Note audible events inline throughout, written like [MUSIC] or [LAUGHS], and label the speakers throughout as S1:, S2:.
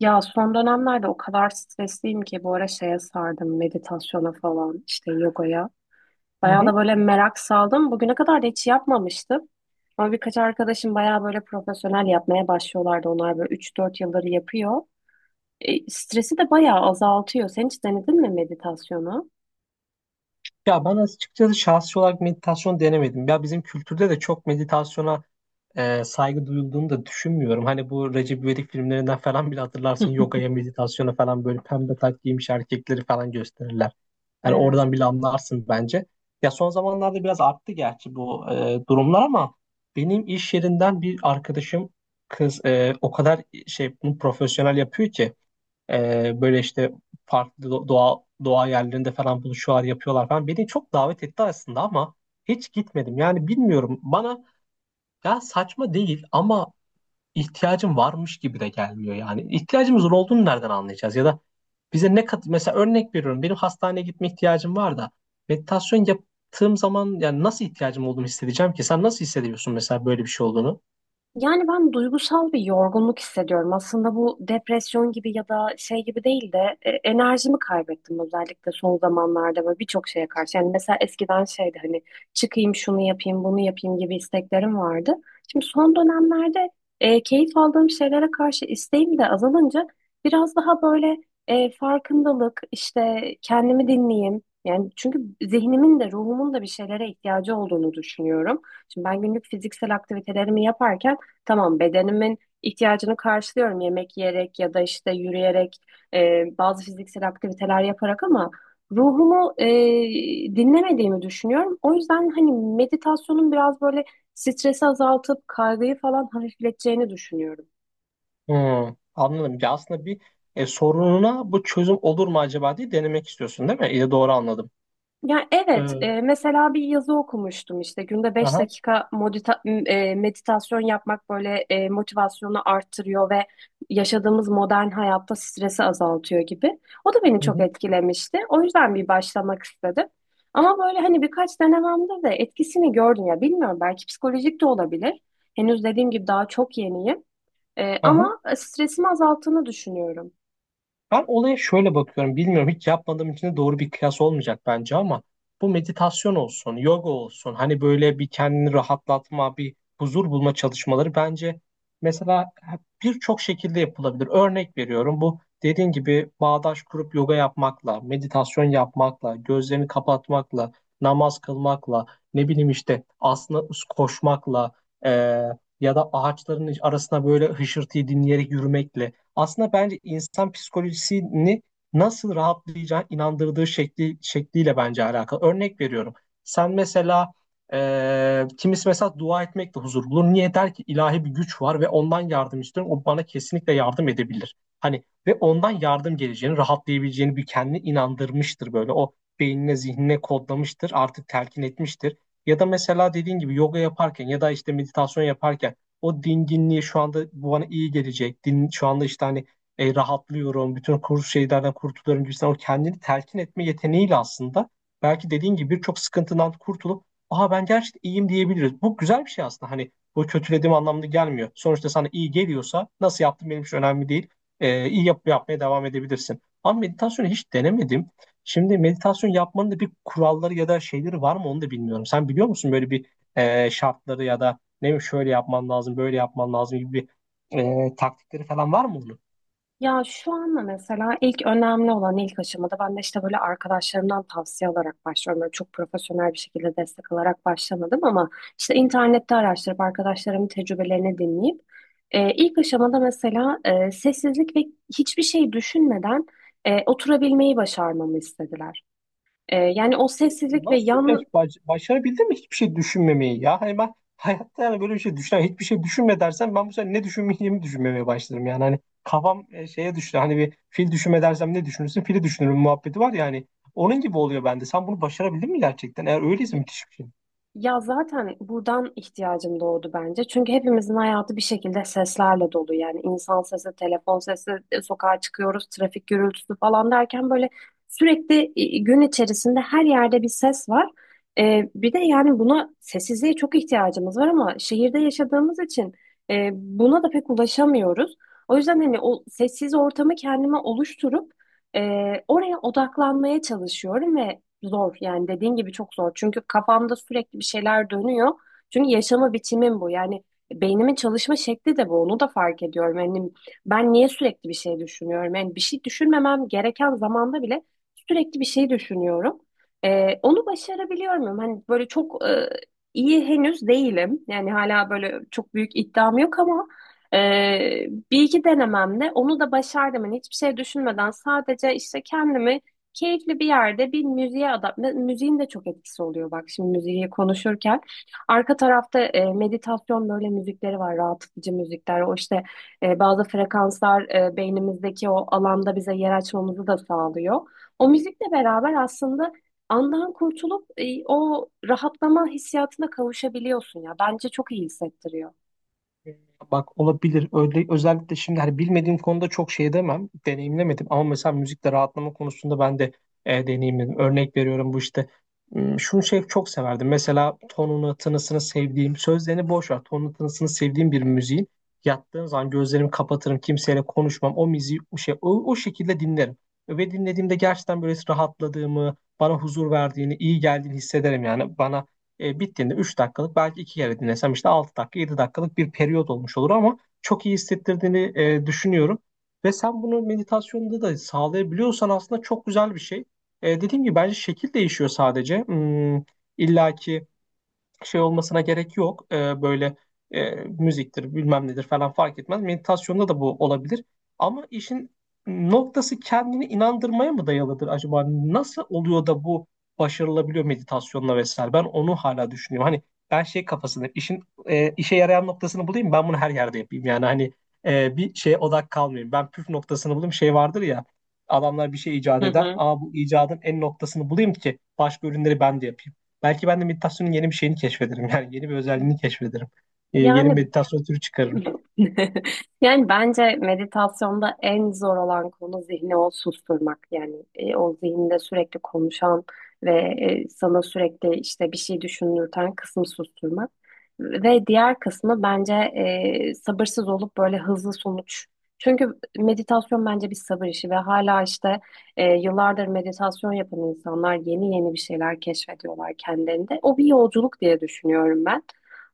S1: Ya son dönemlerde o kadar stresliyim ki bu ara şeye sardım meditasyona falan işte yogaya.
S2: Hı
S1: Bayağı da
S2: hı.
S1: böyle merak saldım. Bugüne kadar da hiç yapmamıştım. Ama birkaç arkadaşım bayağı böyle profesyonel yapmaya başlıyorlardı. Onlar böyle 3-4 yıldır yapıyor. Stresi de bayağı azaltıyor. Sen hiç denedin mi meditasyonu?
S2: Ya ben açıkçası şahsi olarak meditasyon denemedim. Ya bizim kültürde de çok meditasyona saygı duyulduğunu da düşünmüyorum. Hani bu Recep İvedik filmlerinden falan bile hatırlarsın yogaya,
S1: [LAUGHS]
S2: meditasyona falan böyle pembe tak giymiş erkekleri falan gösterirler. Hani
S1: Evet.
S2: oradan bile anlarsın bence. Ya son zamanlarda biraz arttı gerçi bu durumlar ama benim iş yerinden bir arkadaşım kız o kadar şey bunu profesyonel yapıyor ki. Böyle işte farklı doğa doğa yerlerinde falan buluşuyorlar, yapıyorlar falan. Beni çok davet etti aslında ama hiç gitmedim. Yani bilmiyorum, bana ya saçma değil ama ihtiyacım varmış gibi de gelmiyor yani. İhtiyacımızın olduğunu nereden anlayacağız ya da bize ne kat, mesela örnek veriyorum, benim hastaneye gitme ihtiyacım var da meditasyon yaptığım zaman yani nasıl ihtiyacım olduğunu hissedeceğim ki? Sen nasıl hissediyorsun mesela böyle bir şey olduğunu?
S1: Yani ben duygusal bir yorgunluk hissediyorum. Aslında bu depresyon gibi ya da şey gibi değil de enerjimi kaybettim özellikle son zamanlarda ve birçok şeye karşı. Yani mesela eskiden şeydi hani çıkayım şunu yapayım bunu yapayım gibi isteklerim vardı. Şimdi son dönemlerde keyif aldığım şeylere karşı isteğim de azalınca biraz daha böyle farkındalık işte kendimi dinleyeyim. Yani çünkü zihnimin de ruhumun da bir şeylere ihtiyacı olduğunu düşünüyorum. Şimdi ben günlük fiziksel aktivitelerimi yaparken tamam, bedenimin ihtiyacını karşılıyorum yemek yiyerek ya da işte yürüyerek, bazı fiziksel aktiviteler yaparak, ama ruhumu dinlemediğimi düşünüyorum. O yüzden hani meditasyonun biraz böyle stresi azaltıp kaygıyı falan hafifleteceğini düşünüyorum.
S2: Hmm, anladım. Ya aslında bir sorununa bu çözüm olur mu acaba diye denemek istiyorsun, değil mi? İyi, doğru anladım.
S1: Ya evet,
S2: Ee,
S1: mesela bir yazı okumuştum işte günde beş
S2: Aha.
S1: dakika meditasyon yapmak böyle motivasyonu arttırıyor ve yaşadığımız modern hayatta stresi azaltıyor gibi. O da beni
S2: Hı
S1: çok
S2: hı.
S1: etkilemişti. O yüzden bir başlamak istedim. Ama böyle hani birkaç denememde de etkisini gördüm ya, bilmiyorum, belki psikolojik de olabilir. Henüz dediğim gibi daha çok yeniyim.
S2: Aha.
S1: Ama stresimi azalttığını düşünüyorum.
S2: Ben olaya şöyle bakıyorum. Bilmiyorum, hiç yapmadığım için de doğru bir kıyas olmayacak bence ama bu meditasyon olsun, yoga olsun, hani böyle bir kendini rahatlatma, bir huzur bulma çalışmaları bence mesela birçok şekilde yapılabilir. Örnek veriyorum, bu dediğin gibi bağdaş kurup yoga yapmakla, meditasyon yapmakla, gözlerini kapatmakla, namaz kılmakla, ne bileyim işte aslında koşmakla, eee, ya da ağaçların arasına böyle hışırtıyı dinleyerek yürümekle aslında bence insan psikolojisini nasıl rahatlayacağına inandırdığı şekli, şekliyle bence alakalı. Örnek veriyorum. Sen mesela, kimisi mesela dua etmekle huzur bulur. Niye der ki ilahi bir güç var ve ondan yardım istiyorum. O bana kesinlikle yardım edebilir. Hani ve ondan yardım geleceğini, rahatlayabileceğini bir kendini inandırmıştır böyle. O beynine, zihnine kodlamıştır, artık telkin etmiştir. Ya da mesela dediğin gibi yoga yaparken ya da işte meditasyon yaparken o dinginliği, şu anda bu bana iyi gelecek. Din, şu anda işte hani rahatlıyorum, bütün kuru şeylerden kurtuluyorum gibisinden o kendini telkin etme yeteneğiyle aslında belki dediğin gibi birçok sıkıntından kurtulup aha ben gerçekten iyiyim diyebiliriz. Bu güzel bir şey aslında, hani bu kötülediğim anlamda gelmiyor. Sonuçta sana iyi geliyorsa nasıl yaptın benim için önemli değil. İyi yap, yapmaya devam edebilirsin. Ama meditasyonu hiç denemedim. Şimdi meditasyon yapmanın da bir kuralları ya da şeyleri var mı onu da bilmiyorum. Sen biliyor musun böyle bir şartları ya da ne, şöyle yapman lazım, böyle yapman lazım gibi bir taktikleri falan var mı onun?
S1: Ya şu anda mesela ilk önemli olan ilk aşamada ben de işte böyle arkadaşlarımdan tavsiye alarak başlıyorum. Böyle çok profesyonel bir şekilde destek alarak başlamadım, ama işte internette araştırıp arkadaşlarımın tecrübelerini dinleyip ilk aşamada mesela sessizlik ve hiçbir şey düşünmeden oturabilmeyi başarmamı istediler. Yani o sessizlik ve
S2: Nasıl,
S1: yan.
S2: baş, başarabildin mi hiçbir şey düşünmemeyi ya? Hani ben hayatta yani böyle bir şey düşünen, hiçbir şey düşünme dersen ben bu sefer ne düşünmeyeceğimi düşünmemeye başlarım yani. Hani kafam şeye düştü. Hani bir fil düşünme dersem ne düşünürsün? Fili düşünürüm muhabbeti var ya hani. Onun gibi oluyor bende. Sen bunu başarabildin mi gerçekten? Eğer öyleyse müthiş bir şey.
S1: Ya zaten buradan ihtiyacım doğdu bence. Çünkü hepimizin hayatı bir şekilde seslerle dolu. Yani insan sesi, telefon sesi, sokağa çıkıyoruz, trafik gürültüsü falan derken böyle sürekli gün içerisinde her yerde bir ses var. Bir de yani buna, sessizliğe çok ihtiyacımız var, ama şehirde yaşadığımız için buna da pek ulaşamıyoruz. O yüzden hani o sessiz ortamı kendime oluşturup e, oraya odaklanmaya çalışıyorum ve zor, yani dediğin gibi çok zor. Çünkü kafamda sürekli bir şeyler dönüyor. Çünkü yaşama biçimim bu. Yani beynimin çalışma şekli de bu. Onu da fark ediyorum. Yani ben niye sürekli bir şey düşünüyorum? Yani bir şey düşünmemem gereken zamanda bile sürekli bir şey düşünüyorum. Onu başarabiliyor muyum? Hani böyle çok iyi henüz değilim. Yani hala böyle çok büyük iddiam yok, ama e, bir iki denememde onu da başardım. Hani hiçbir şey düşünmeden sadece işte kendimi keyifli bir yerde bir müziğe adapte. Müziğin de çok etkisi oluyor, bak şimdi müziği konuşurken. Arka tarafta meditasyon böyle müzikleri var, rahatlatıcı müzikler. O işte bazı frekanslar beynimizdeki o alanda bize yer açmamızı da sağlıyor. O müzikle beraber aslında andan kurtulup o rahatlama hissiyatına kavuşabiliyorsun ya. Bence çok iyi hissettiriyor.
S2: Bak olabilir. Öyle, özellikle şimdi hani bilmediğim konuda çok şey demem. Deneyimlemedim ama mesela müzikte rahatlama konusunda ben de deneyimledim. Örnek veriyorum bu işte. Şunu şey çok severdim. Mesela tonunu, tınısını sevdiğim, sözlerini boş ver. Tonunu, tınısını sevdiğim bir müziğin yattığım zaman gözlerimi kapatırım, kimseyle konuşmam. O müziği o şey o, o şekilde dinlerim. Ve dinlediğimde gerçekten böyle rahatladığımı, bana huzur verdiğini, iyi geldiğini hissederim yani. Bana, bittiğinde 3 dakikalık, belki 2 kere dinlesem işte 6 dakika 7 dakikalık bir periyot olmuş olur ama çok iyi hissettirdiğini düşünüyorum. Ve sen bunu meditasyonda da sağlayabiliyorsan aslında çok güzel bir şey. Dediğim gibi bence şekil değişiyor sadece. İllaki şey olmasına gerek yok. Böyle müziktir, bilmem nedir falan fark etmez. Meditasyonda da bu olabilir. Ama işin noktası kendini inandırmaya mı dayalıdır acaba? Nasıl oluyor da bu başarılabiliyor meditasyonla vesaire? Ben onu hala düşünüyorum. Hani ben şey kafasındayım. İşin işe yarayan noktasını bulayım. Ben bunu her yerde yapayım. Yani hani bir şeye odak kalmayayım. Ben püf noktasını bulayım. Şey vardır ya. Adamlar bir şey
S1: Hı
S2: icat eder.
S1: hı.
S2: Aa bu icadın en noktasını bulayım ki başka ürünleri ben de yapayım. Belki ben de meditasyonun yeni bir şeyini keşfederim. Yani yeni bir özelliğini keşfederim. Yeni bir
S1: Yani
S2: meditasyon türü çıkarırım.
S1: [LAUGHS] yani bence meditasyonda en zor olan konu zihni o susturmak. Yani o zihinde sürekli konuşan ve sana sürekli işte bir şey düşündürten kısmı susturmak. Ve diğer kısmı bence sabırsız olup böyle hızlı sonuç. Çünkü meditasyon bence bir sabır işi ve hala işte yıllardır meditasyon yapan insanlar yeni yeni bir şeyler keşfediyorlar kendilerinde. O bir yolculuk diye düşünüyorum ben.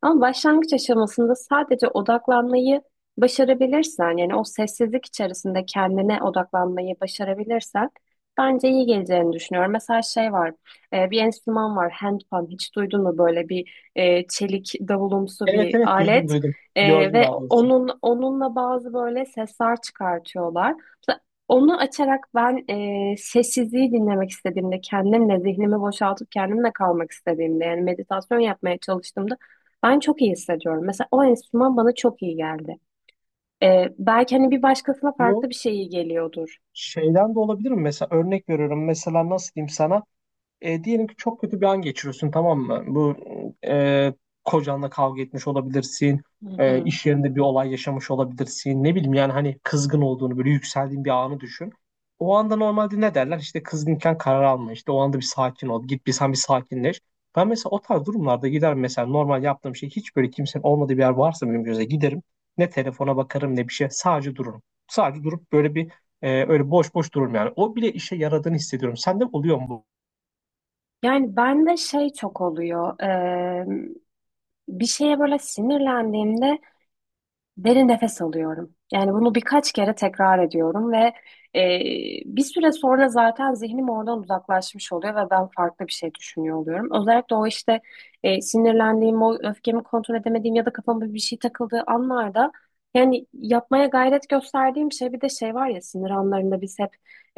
S1: Ama başlangıç aşamasında sadece odaklanmayı başarabilirsen, yani o sessizlik içerisinde kendine odaklanmayı başarabilirsen bence iyi geleceğini düşünüyorum. Mesela şey var, bir enstrüman var, handpan. Hiç duydun mu böyle bir çelik davulumsu
S2: Evet
S1: bir
S2: evet, duydum
S1: alet?
S2: duydum. Gördüm
S1: Ve
S2: daha doğrusu.
S1: onunla bazı böyle sesler çıkartıyorlar. Mesela onu açarak ben sessizliği dinlemek istediğimde, kendimle zihnimi boşaltıp kendimle kalmak istediğimde, yani meditasyon yapmaya çalıştığımda ben çok iyi hissediyorum. Mesela o enstrüman bana çok iyi geldi. Belki hani bir başkasına
S2: Bu
S1: farklı bir şey iyi geliyordur.
S2: şeyden de olabilir mi? Mesela örnek veriyorum. Mesela nasıl diyeyim sana? Diyelim ki çok kötü bir an geçiriyorsun, tamam mı? Bu e, kocanla kavga etmiş olabilirsin.
S1: Hı hı.
S2: İş yerinde bir olay yaşamış olabilirsin. Ne bileyim yani, hani kızgın olduğunu, böyle yükseldiğin bir anı düşün. O anda normalde ne derler? İşte kızgınken karar alma. İşte o anda bir sakin ol. Git bir, sen bir sakinleş. Ben mesela o tarz durumlarda gider mesela, normal yaptığım şey, hiç böyle kimsenin olmadığı bir yer varsa benim göze giderim. Ne telefona bakarım ne bir şey. Sadece dururum. Sadece durup böyle bir, öyle boş boş dururum yani. O bile işe yaradığını hissediyorum. Sende oluyor mu bu?
S1: Yani bende şey çok oluyor. Bir şeye böyle sinirlendiğimde derin nefes alıyorum. Yani bunu birkaç kere tekrar ediyorum ve e, bir süre sonra zaten zihnim oradan uzaklaşmış oluyor ve ben farklı bir şey düşünüyor oluyorum. Özellikle o işte sinirlendiğim, o öfkemi kontrol edemediğim ya da kafama bir şey takıldığı anlarda, yani yapmaya gayret gösterdiğim şey, bir de şey var ya, sinir anlarında biz hep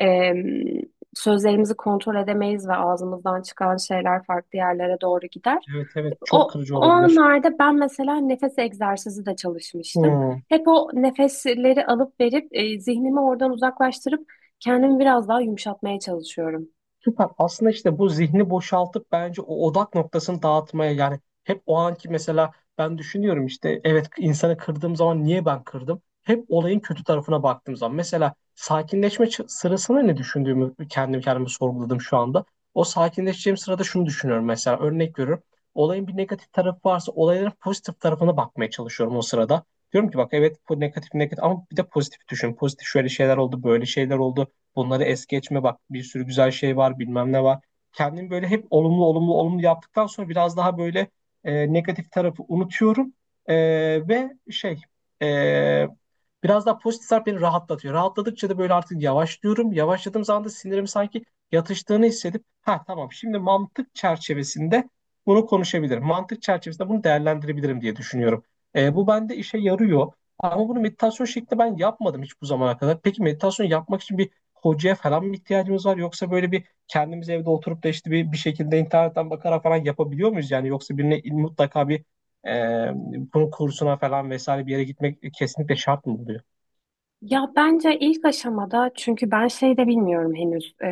S1: e, sözlerimizi kontrol edemeyiz ve ağzımızdan çıkan şeyler farklı yerlere doğru gider.
S2: Evet evet, çok
S1: O,
S2: kırıcı
S1: o
S2: olabilir.
S1: anlarda ben mesela nefes egzersizi de çalışmıştım.
S2: Hmm,
S1: Hep o nefesleri alıp verip zihnimi oradan uzaklaştırıp kendimi biraz daha yumuşatmaya çalışıyorum.
S2: süper. Aslında işte bu zihni boşaltıp bence o odak noktasını dağıtmaya, yani hep o anki mesela ben düşünüyorum işte, evet insanı kırdığım zaman niye ben kırdım? Hep olayın kötü tarafına baktığım zaman, mesela sakinleşme sırasında ne düşündüğümü kendim kendime sorguladım şu anda. O sakinleşeceğim sırada şunu düşünüyorum mesela, örnek veriyorum. Olayın bir negatif tarafı varsa olayların pozitif tarafına bakmaya çalışıyorum o sırada. Diyorum ki bak evet bu negatif negatif ama bir de pozitif düşün. Pozitif şöyle şeyler oldu, böyle şeyler oldu. Bunları es geçme, bak bir sürü güzel şey var, bilmem ne var. Kendimi böyle hep olumlu olumlu olumlu yaptıktan sonra biraz daha böyle negatif tarafı unutuyorum. E, Ve şey, e, biraz daha pozitif taraf beni rahatlatıyor. Rahatladıkça da böyle artık yavaşlıyorum. Yavaşladığım zaman da sinirim sanki yatıştığını hissedip, ha tamam şimdi mantık çerçevesinde bunu konuşabilirim. Mantık çerçevesinde bunu değerlendirebilirim diye düşünüyorum. Bu bende işe yarıyor. Ama bunu meditasyon şeklinde ben yapmadım hiç bu zamana kadar. Peki meditasyon yapmak için bir hocaya falan mı ihtiyacımız var? Yoksa böyle bir kendimiz evde oturup da işte bir, bir şekilde internetten bakarak falan yapabiliyor muyuz? Yani yoksa birine mutlaka bir e, bunun kursuna falan vesaire bir yere gitmek kesinlikle şart mı oluyor?
S1: Ya bence ilk aşamada, çünkü ben şey de bilmiyorum henüz,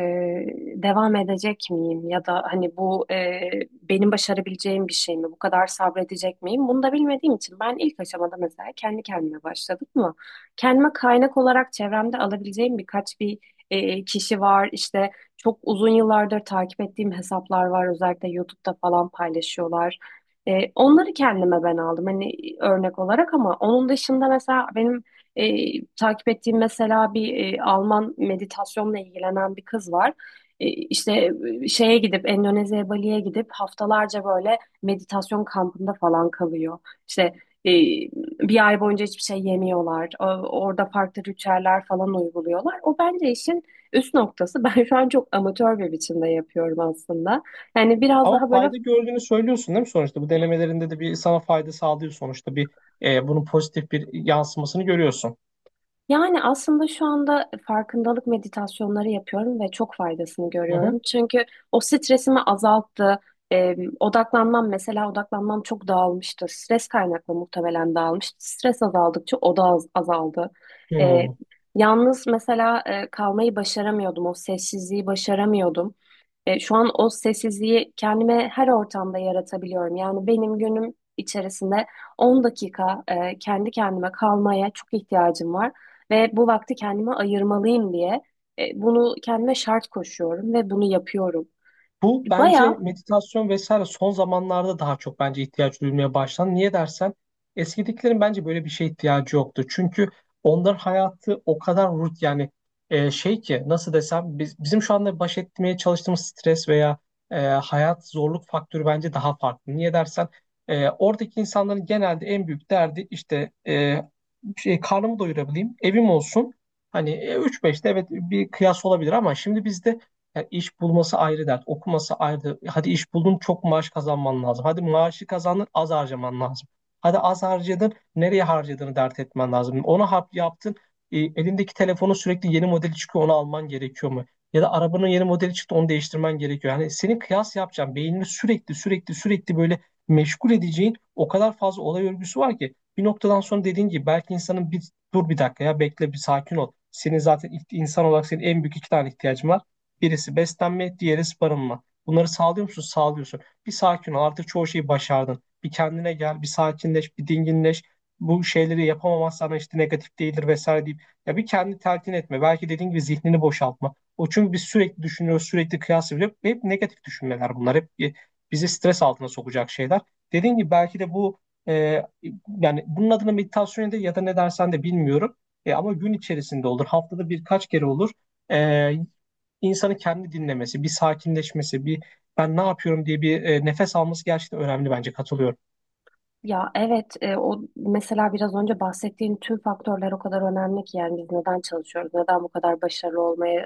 S1: devam edecek miyim ya da hani bu benim başarabileceğim bir şey mi, bu kadar sabredecek miyim, bunu da bilmediğim için ben ilk aşamada mesela kendi kendime başladım mı, kendime kaynak olarak çevremde alabileceğim birkaç bir kişi var işte, çok uzun yıllardır takip ettiğim hesaplar var, özellikle YouTube'da falan paylaşıyorlar. Onları kendime ben aldım hani örnek olarak, ama onun dışında mesela benim takip ettiğim mesela bir Alman meditasyonla ilgilenen bir kız var. İşte şeye gidip Endonezya'ya, Bali'ye gidip haftalarca böyle meditasyon kampında falan kalıyor. İşte e, bir ay boyunca hiçbir şey yemiyorlar. Orada farklı ritüeller falan uyguluyorlar. O bence işin üst noktası. [LAUGHS] Ben şu an çok amatör bir biçimde yapıyorum aslında. Yani biraz
S2: Ama
S1: daha böyle.
S2: fayda gördüğünü söylüyorsun değil mi sonuçta? Bu denemelerinde de bir sana fayda sağlıyor sonuçta. Bir bunun pozitif bir yansımasını görüyorsun.
S1: Yani aslında şu anda farkındalık meditasyonları yapıyorum ve çok faydasını
S2: Hı hı.
S1: görüyorum. Çünkü o stresimi azalttı. Odaklanmam çok dağılmıştı. Stres kaynaklı muhtemelen dağılmıştı. Stres azaldıkça o da azaldı. Ee,
S2: Hı.
S1: Yalnız mesela kalmayı başaramıyordum. O sessizliği başaramıyordum. Şu an o sessizliği kendime her ortamda yaratabiliyorum. Yani benim günüm içerisinde 10 dakika kendi kendime kalmaya çok ihtiyacım var ve bu vakti kendime ayırmalıyım diye bunu kendime şart koşuyorum ve bunu yapıyorum.
S2: Bu bence
S1: Bayağı.
S2: meditasyon vesaire son zamanlarda daha çok bence ihtiyaç duyulmaya başlandı. Niye dersen eskidekilerin bence böyle bir şeye ihtiyacı yoktu. Çünkü onların hayatı o kadar rut yani şey ki, nasıl desem, biz, bizim şu anda baş etmeye çalıştığımız stres veya hayat zorluk faktörü bence daha farklı. Niye dersen oradaki insanların genelde en büyük derdi işte, şey, karnımı doyurabileyim, evim olsun. Hani 3-5'te evet bir kıyas olabilir ama şimdi bizde yani iş bulması ayrı dert, okuması ayrı. Hadi iş buldun, çok maaş kazanman lazım. Hadi maaşı kazandın, az harcaman lazım. Hadi az harcadın, nereye harcadığını dert etmen lazım. Onu hap yaptın, elindeki telefonun sürekli yeni modeli çıkıyor, onu alman gerekiyor mu? Ya da arabanın yeni modeli çıktı, onu değiştirmen gerekiyor. Yani senin kıyas yapacağın, beynini sürekli sürekli sürekli böyle meşgul edeceğin o kadar fazla olay örgüsü var ki bir noktadan sonra dediğin gibi belki insanın bir dur bir dakika ya, bekle bir sakin ol. Senin zaten insan olarak senin en büyük iki tane ihtiyacın var. Birisi beslenme, diğeri barınma. Bunları sağlıyor musun? Sağlıyorsun. Bir sakin ol. Artık çoğu şeyi başardın. Bir kendine gel, bir sakinleş, bir dinginleş. Bu şeyleri yapamamazsan işte negatif değildir vesaire deyip ya bir kendi telkin etme. Belki dediğin gibi zihnini boşaltma. O, çünkü biz sürekli düşünüyoruz, sürekli kıyas ediyoruz. Hep negatif düşünmeler bunlar. Hep bizi stres altına sokacak şeyler. Dediğin gibi belki de bu e, yani bunun adına meditasyon de ya da ne dersen de bilmiyorum. Ama gün içerisinde olur. Haftada birkaç kere olur. E, insanı kendi dinlemesi, bir sakinleşmesi, bir ben ne yapıyorum diye bir nefes alması gerçekten önemli, bence katılıyorum.
S1: Ya evet, o mesela biraz önce bahsettiğin tüm faktörler o kadar önemli ki, yani biz neden çalışıyoruz, neden bu kadar başarılı olmaya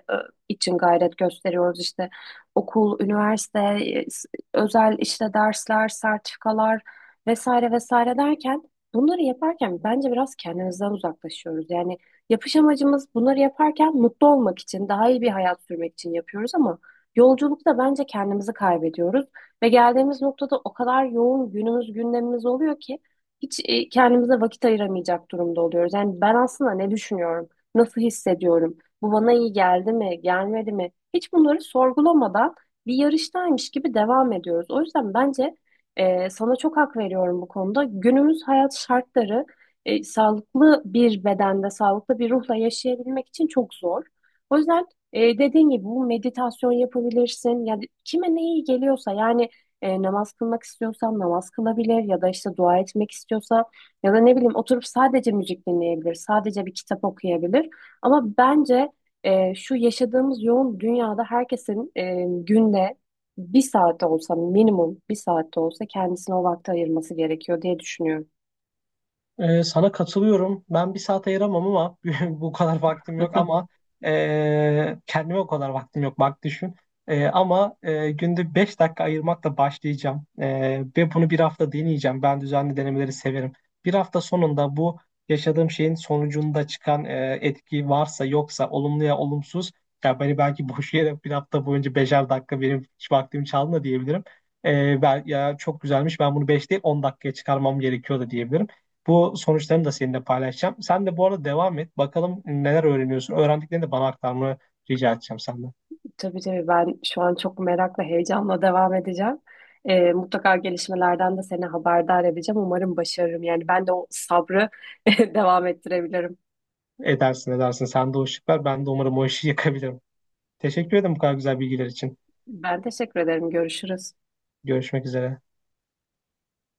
S1: için gayret gösteriyoruz, işte okul, üniversite, özel işte dersler, sertifikalar vesaire vesaire derken, bunları yaparken bence biraz kendimizden uzaklaşıyoruz. Yani yapış amacımız, bunları yaparken mutlu olmak için, daha iyi bir hayat sürmek için yapıyoruz, ama yolculukta bence kendimizi kaybediyoruz. Ve geldiğimiz noktada o kadar yoğun günümüz, gündemimiz oluyor ki hiç kendimize vakit ayıramayacak durumda oluyoruz. Yani ben aslında ne düşünüyorum, nasıl hissediyorum, bu bana iyi geldi mi, gelmedi mi? Hiç bunları sorgulamadan bir yarıştaymış gibi devam ediyoruz. O yüzden bence sana çok hak veriyorum bu konuda. Günümüz hayat şartları sağlıklı bir bedende, sağlıklı bir ruhla yaşayabilmek için çok zor. O yüzden dediğin gibi bu meditasyon yapabilirsin. Yani kime ne iyi geliyorsa, yani namaz kılmak istiyorsa namaz kılabilir, ya da işte dua etmek istiyorsa, ya da ne bileyim oturup sadece müzik dinleyebilir, sadece bir kitap okuyabilir. Ama bence şu yaşadığımız yoğun dünyada herkesin, günde bir saatte olsa, minimum bir saatte olsa kendisine o vakti ayırması gerekiyor diye düşünüyorum.
S2: Sana katılıyorum. Ben bir saat ayıramam ama [LAUGHS] bu kadar vaktim yok ama
S1: [LAUGHS]
S2: kendime o kadar vaktim yok, bak düşün. Ama günde 5 dakika ayırmakla başlayacağım. Ve bunu bir hafta deneyeceğim. Ben düzenli denemeleri severim. Bir hafta sonunda bu yaşadığım şeyin sonucunda çıkan etki varsa yoksa, olumlu ya olumsuz, ya beni belki boş yere bir hafta boyunca beşer dakika benim hiç vaktim çaldı da diyebilirim. Ben, ya çok güzelmiş, ben bunu 5 değil 10 dakikaya çıkarmam gerekiyor da diyebilirim. Bu sonuçlarını da seninle paylaşacağım. Sen de bu arada devam et. Bakalım neler öğreniyorsun. Öğrendiklerini de bana aktarmanı rica edeceğim senden.
S1: Tabii tabii, ben şu an çok merakla, heyecanla devam edeceğim. Mutlaka gelişmelerden de seni haberdar edeceğim. Umarım başarırım. Yani ben de o sabrı [LAUGHS] devam ettirebilirim.
S2: Edersin edersin. Sen de o ışık ver. Ben de umarım o işi [LAUGHS] yakabilirim. Teşekkür ederim bu kadar güzel bilgiler için.
S1: Ben teşekkür ederim. Görüşürüz.
S2: Görüşmek üzere.